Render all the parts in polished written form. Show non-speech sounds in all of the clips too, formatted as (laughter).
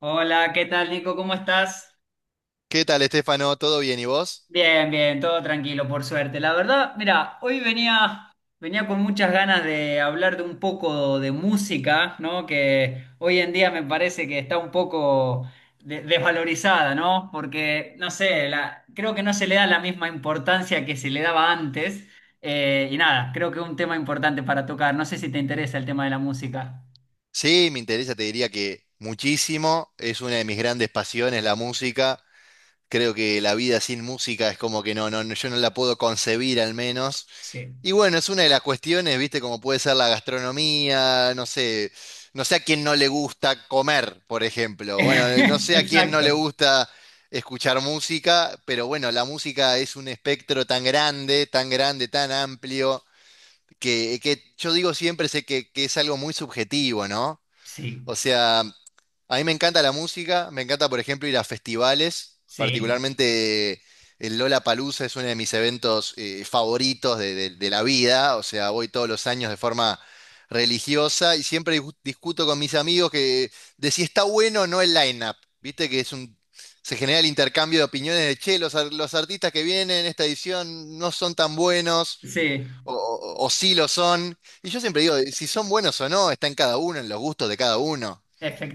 Hola, ¿qué tal, Nico? ¿Cómo estás? ¿Qué tal, Estefano? ¿Todo bien? ¿Y vos? Bien, todo tranquilo, por suerte. La verdad, mira, hoy venía con muchas ganas de hablar de un poco de música, ¿no? Que hoy en día me parece que está un poco desvalorizada, ¿no? Porque, no sé, creo que no se le da la misma importancia que se le daba antes. Y nada, creo que es un tema importante para tocar. No sé si te interesa el tema de la música. Sí, me interesa, te diría que muchísimo. Es una de mis grandes pasiones, la música. Creo que la vida sin música es como que no, yo no la puedo concebir al menos. Sí. Y bueno, es una de las cuestiones, viste, como puede ser la gastronomía, no sé, no sé a quién no le gusta comer, por ejemplo. Bueno, no (laughs) sé a quién no le Exacto. gusta escuchar música, pero bueno, la música es un espectro tan grande, tan grande, tan amplio que yo digo siempre sé que es algo muy subjetivo, ¿no? Sí, O sea, a mí me encanta la música, me encanta, por ejemplo, ir a festivales, sí, particularmente el Lollapalooza es uno de mis eventos favoritos de, de la vida, o sea, voy todos los años de forma religiosa y siempre discuto con mis amigos que, de si está bueno o no el line-up, viste que es un... Se genera el intercambio de opiniones de, che, los, los artistas que vienen en esta edición no son tan buenos sí. o, o sí lo son. Y yo siempre digo, si son buenos o no, está en cada uno, en los gustos de cada uno.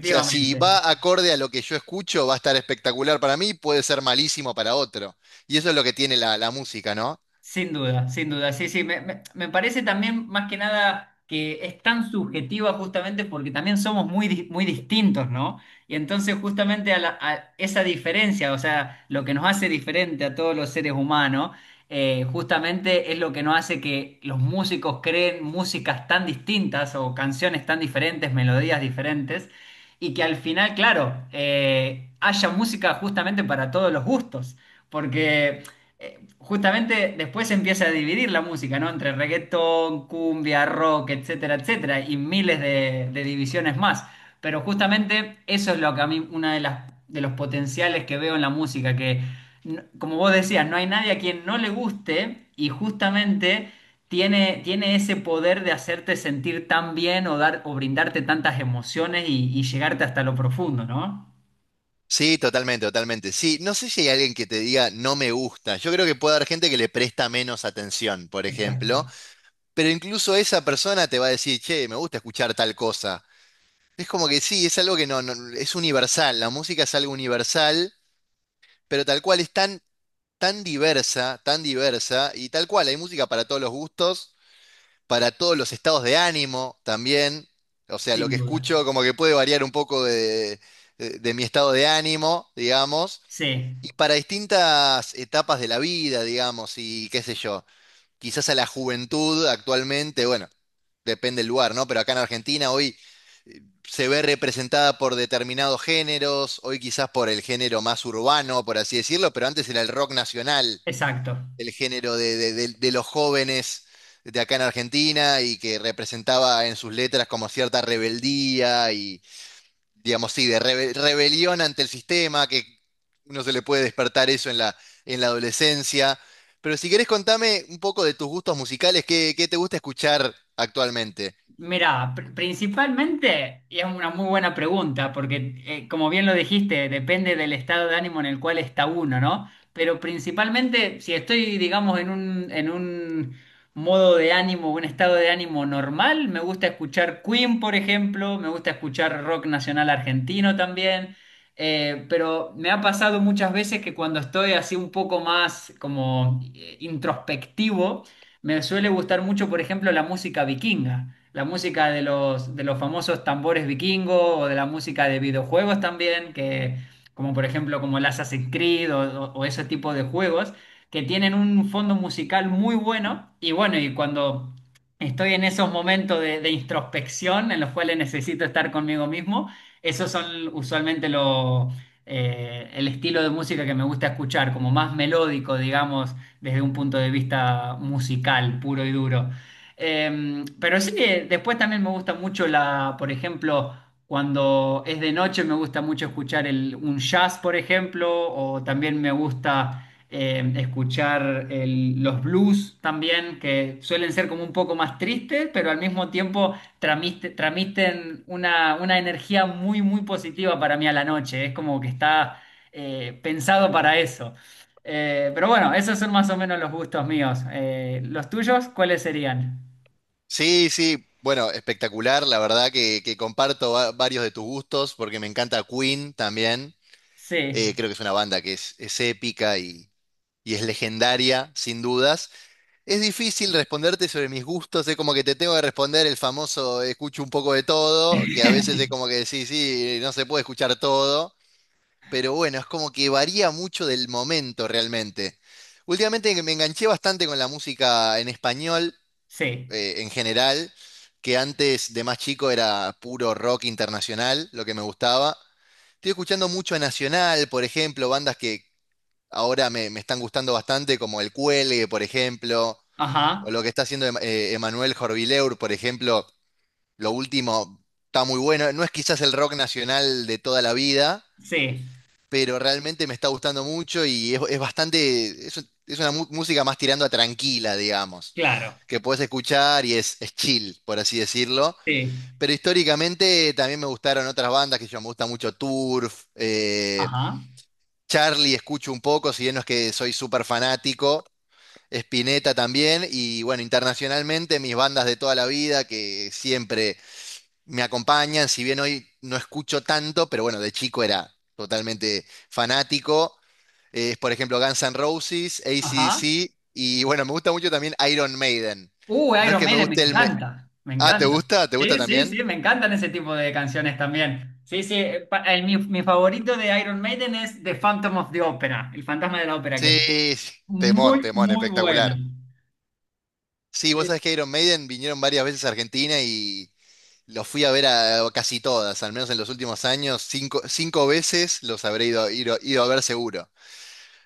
O sea, si va acorde a lo que yo escucho, va a estar espectacular para mí, puede ser malísimo para otro. Y eso es lo que tiene la música, ¿no? sin duda, sin duda. Sí, sí, me parece también más que nada que es tan subjetiva justamente porque también somos muy, muy distintos, ¿no? Y entonces justamente a esa diferencia, o sea, lo que nos hace diferente a todos los seres humanos, justamente es lo que nos hace que los músicos creen músicas tan distintas o canciones tan diferentes, melodías diferentes, y que al final, claro, haya música justamente para todos los gustos. Porque justamente después se empieza a dividir la música, ¿no? Entre reggaetón, cumbia, rock, etcétera, etcétera, y miles de divisiones más. Pero justamente eso es lo que a mí, una de las, de los potenciales que veo en la música, que como vos decías, no hay nadie a quien no le guste y justamente tiene ese poder de hacerte sentir tan bien o dar, o brindarte tantas emociones y llegarte hasta lo profundo, ¿no? Sí, totalmente, totalmente. Sí, no sé si hay alguien que te diga no me gusta. Yo creo que puede haber gente que le presta menos atención, por Exacto, ejemplo, pero incluso esa persona te va a decir, che, me gusta escuchar tal cosa. Es como que sí, es algo que es universal. La música es algo universal, pero tal cual es tan diversa, tan diversa, y tal cual, hay música para todos los gustos, para todos los estados de ánimo también. O sea, lo sin que duda. escucho como que puede variar un poco de, de mi estado de ánimo, digamos, Sí, y para distintas etapas de la vida, digamos, y qué sé yo, quizás a la juventud actualmente, bueno, depende del lugar, ¿no? Pero acá en Argentina hoy eh, se ve representada por determinados géneros, hoy quizás por el género más urbano, por así decirlo, pero antes era el rock nacional exacto. el género de, de los jóvenes de acá en Argentina y que representaba en sus letras como cierta rebeldía y, digamos, sí, de rebelión ante el sistema, que uno se le puede despertar eso en la adolescencia. Pero si querés contame un poco de tus gustos musicales, ¿qué, qué te gusta escuchar actualmente? Mira, principalmente, y es una muy buena pregunta, porque como bien lo dijiste, depende del estado de ánimo en el cual está uno, ¿no? Pero principalmente, si estoy, digamos, en un modo de ánimo, un estado de ánimo normal, me gusta escuchar Queen, por ejemplo, me gusta escuchar rock nacional argentino también, pero me ha pasado muchas veces que cuando estoy así un poco más como introspectivo, me suele gustar mucho, por ejemplo, la música vikinga, la música de los famosos tambores vikingos o de la música de videojuegos también, que, como por ejemplo como el Assassin's Creed o, o ese tipo de juegos, que tienen un fondo musical muy bueno. Y bueno, y cuando estoy en esos momentos de introspección en los cuales necesito estar conmigo mismo, esos son usualmente el estilo de música que me gusta escuchar, como más melódico, digamos, desde un punto de vista musical, puro y duro. Pero sí que después también me gusta mucho la, por ejemplo, cuando es de noche me gusta mucho escuchar el, un jazz, por ejemplo, o también me gusta escuchar los blues también, que suelen ser como un poco más tristes, pero al mismo tiempo tramiten una energía muy, muy positiva para mí a la noche. Es como que está pensado para eso. Pero bueno, esos son más o menos los gustos míos. ¿Los tuyos cuáles serían? Sí, sí, bueno, espectacular, la verdad que comparto varios de tus gustos porque me encanta Queen también. Sí, Creo que es una banda que es épica y es legendaria, sin dudas. Es difícil responderte sobre mis gustos, es como que te tengo que responder el famoso escucho un poco de todo, que a veces es (laughs) como que decís, sí, no se puede escuchar todo, pero bueno, es como que varía mucho del momento realmente. Últimamente me enganché bastante con la música en español, sí, en general, que antes de más chico era puro rock internacional, lo que me gustaba. Estoy escuchando mucho a Nacional, por ejemplo, bandas que, ahora me están gustando bastante, como el Cuelgue, por ejemplo, o ajá, lo que está haciendo Emanuel Jorvileur, por ejemplo, lo último está muy bueno. No es quizás el rock nacional de toda la vida, sí, pero realmente me está gustando mucho y es bastante, es una música más tirando a tranquila, digamos, claro, que puedes escuchar y es chill, por así decirlo. sí, Pero históricamente también me gustaron otras bandas, que yo me gusta mucho Turf, ajá, Charlie escucho un poco, si bien no es que soy súper fanático, Spinetta también, y bueno, internacionalmente mis bandas de toda la vida que siempre me acompañan, si bien hoy no escucho tanto, pero bueno, de chico era totalmente fanático, es por ejemplo Guns N' Roses, ajá. AC/DC, y bueno, me gusta mucho también Iron Maiden. No es Iron que me Maiden, me guste encanta, me Ah, ¿te encanta. gusta? ¿Te gusta Sí, sí, sí, también? me encantan ese tipo de canciones también. Sí, sí, mi favorito de Iron Maiden es The Phantom of the Opera, El Fantasma de la Ópera, que es Sí, sí, temón, muy, temón, muy buena. espectacular. Sí, vos sabés que Iron Maiden vinieron varias veces a Argentina y los fui a ver a, casi todas, al menos en los últimos años, cinco, cinco veces los habré ido a ver seguro.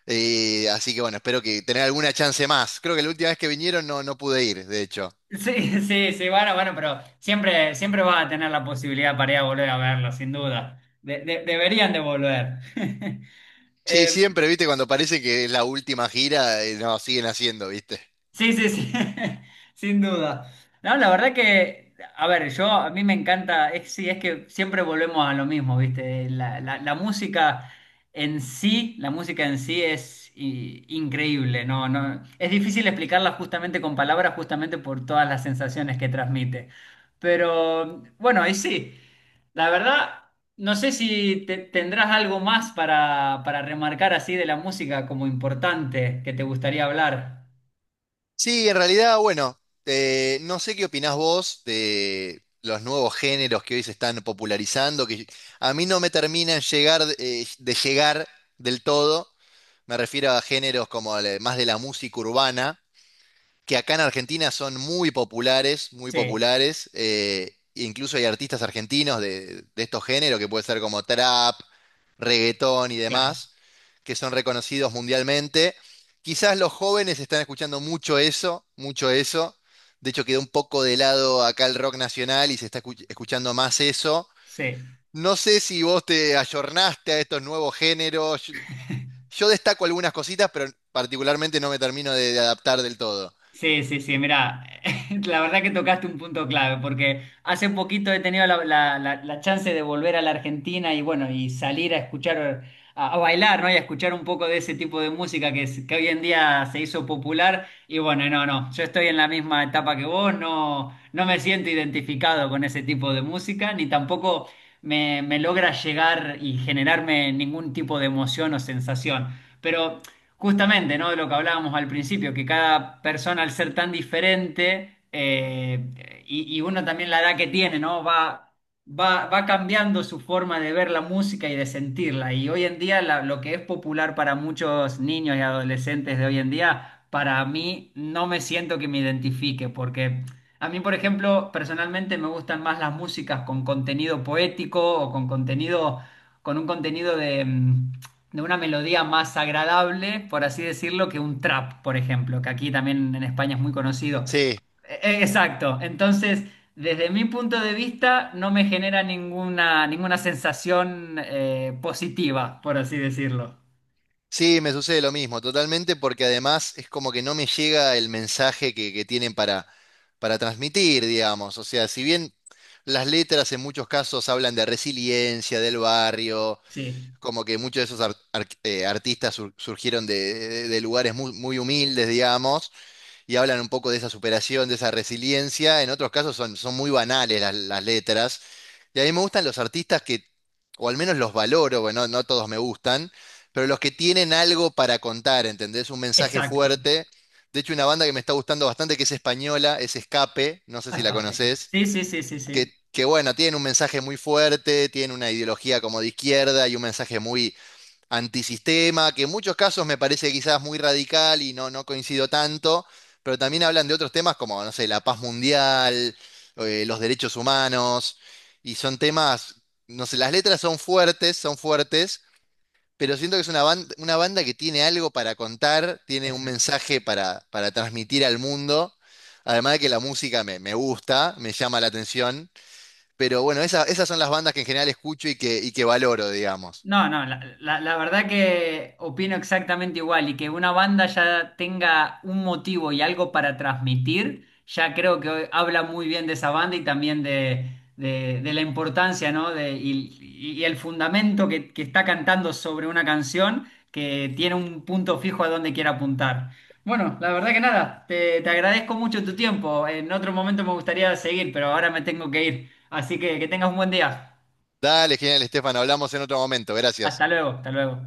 Así que bueno, espero que tener alguna chance más. Creo que la última vez que vinieron no, no pude ir, de hecho. Sí, (laughs) sí, sí, bueno, bueno, pero siempre, siempre vas a tener la posibilidad para ir a volver a verlo, sin duda. Deberían de volver. (laughs) Sí, siempre, viste, cuando parece que es la última gira, no, siguen haciendo, viste. Sí, sí, sí, (laughs) sin duda. No, la verdad que, a ver, yo a mí me encanta, es, sí, es que siempre volvemos a lo mismo, ¿viste? La, la música en sí, la música en sí es increíble, ¿no? No, es difícil explicarla justamente con palabras, justamente por todas las sensaciones que transmite. Pero bueno, ahí sí, la verdad, no sé si tendrás algo más para remarcar así de la música como importante que te gustaría hablar. Sí, en realidad, bueno, no sé qué opinás vos de los nuevos géneros que hoy se están popularizando, que a mí no me terminan llegar, de llegar del todo. Me refiero a géneros como más de la música urbana, que acá en Argentina son muy populares, muy Sí. populares. Incluso hay artistas argentinos de estos géneros, que puede ser como trap, reggaetón y Claro, demás, que son reconocidos mundialmente. Quizás los jóvenes están escuchando mucho eso, mucho eso. De hecho, quedó un poco de lado acá el rock nacional y se está escuchando más eso. sí, No sé si vos te ayornaste a estos nuevos géneros. Yo destaco algunas cositas, pero particularmente no me termino de adaptar del todo. sí, sí, sí, mira, (laughs) la verdad que tocaste un punto clave, porque hace poquito he tenido la, la chance de volver a la Argentina y bueno, y salir a escuchar, a bailar, ¿no? Y a escuchar un poco de ese tipo de música que, que hoy en día se hizo popular. Y bueno, no, no, yo estoy en la misma etapa que vos, no, no me siento identificado con ese tipo de música, ni tampoco me logra llegar y generarme ningún tipo de emoción o sensación. Pero justamente, ¿no? De lo que hablábamos al principio, que cada persona al ser tan diferente, y uno también la edad que tiene, ¿no? Va cambiando su forma de ver la música y de sentirla. Y hoy en día lo que es popular para muchos niños y adolescentes de hoy en día, para mí no me siento que me identifique, porque a mí, por ejemplo, personalmente me gustan más las músicas con contenido poético o con contenido, con un contenido de... de una melodía más agradable, por así decirlo, que un trap, por ejemplo, que aquí también en España es muy conocido. Sí, Exacto. Entonces, desde mi punto de vista, no me genera ninguna, ninguna sensación positiva, por así decirlo. sí, me sucede lo mismo, totalmente, porque además es como que no me llega el mensaje que tienen para transmitir, digamos. O sea, si bien las letras en muchos casos hablan de resiliencia, del barrio, Sí, como que muchos de esos artistas surgieron de, de lugares muy, muy humildes, digamos, y hablan un poco de esa superación, de esa resiliencia. En otros casos son, son muy banales las letras. Y a mí me gustan los artistas que, o al menos los valoro, bueno, no todos me gustan, pero los que tienen algo para contar, ¿entendés? Un mensaje exacto. fuerte. De hecho, una banda que me está gustando bastante, que es española, es Escape, no sé A si la escape. conoces, Sí, sí, sí, sí, sí. Que bueno, tienen un mensaje muy fuerte, tienen una ideología como de izquierda y un mensaje muy antisistema, que en muchos casos me parece quizás muy radical y no, no coincido tanto, pero también hablan de otros temas como, no sé, la paz mundial, los derechos humanos, y son temas, no sé, las letras son fuertes, pero siento que es una banda que tiene algo para contar, tiene un Exacto. mensaje para transmitir al mundo. Además de que la música me, me gusta, me llama la atención, pero bueno, esas son las bandas que en general escucho y que valoro, digamos. No, no, la, la verdad que opino exactamente igual y que una banda ya tenga un motivo y algo para transmitir, ya creo que habla muy bien de esa banda y también de, de la importancia, ¿no? De, y el fundamento que está cantando sobre una canción que tiene un punto fijo a donde quiere apuntar. Bueno, la verdad que nada, te agradezco mucho tu tiempo. En otro momento me gustaría seguir, pero ahora me tengo que ir. Así que tengas un buen día. Dale, genial, Estefan. Hablamos en otro momento. Gracias. Hasta luego, hasta luego.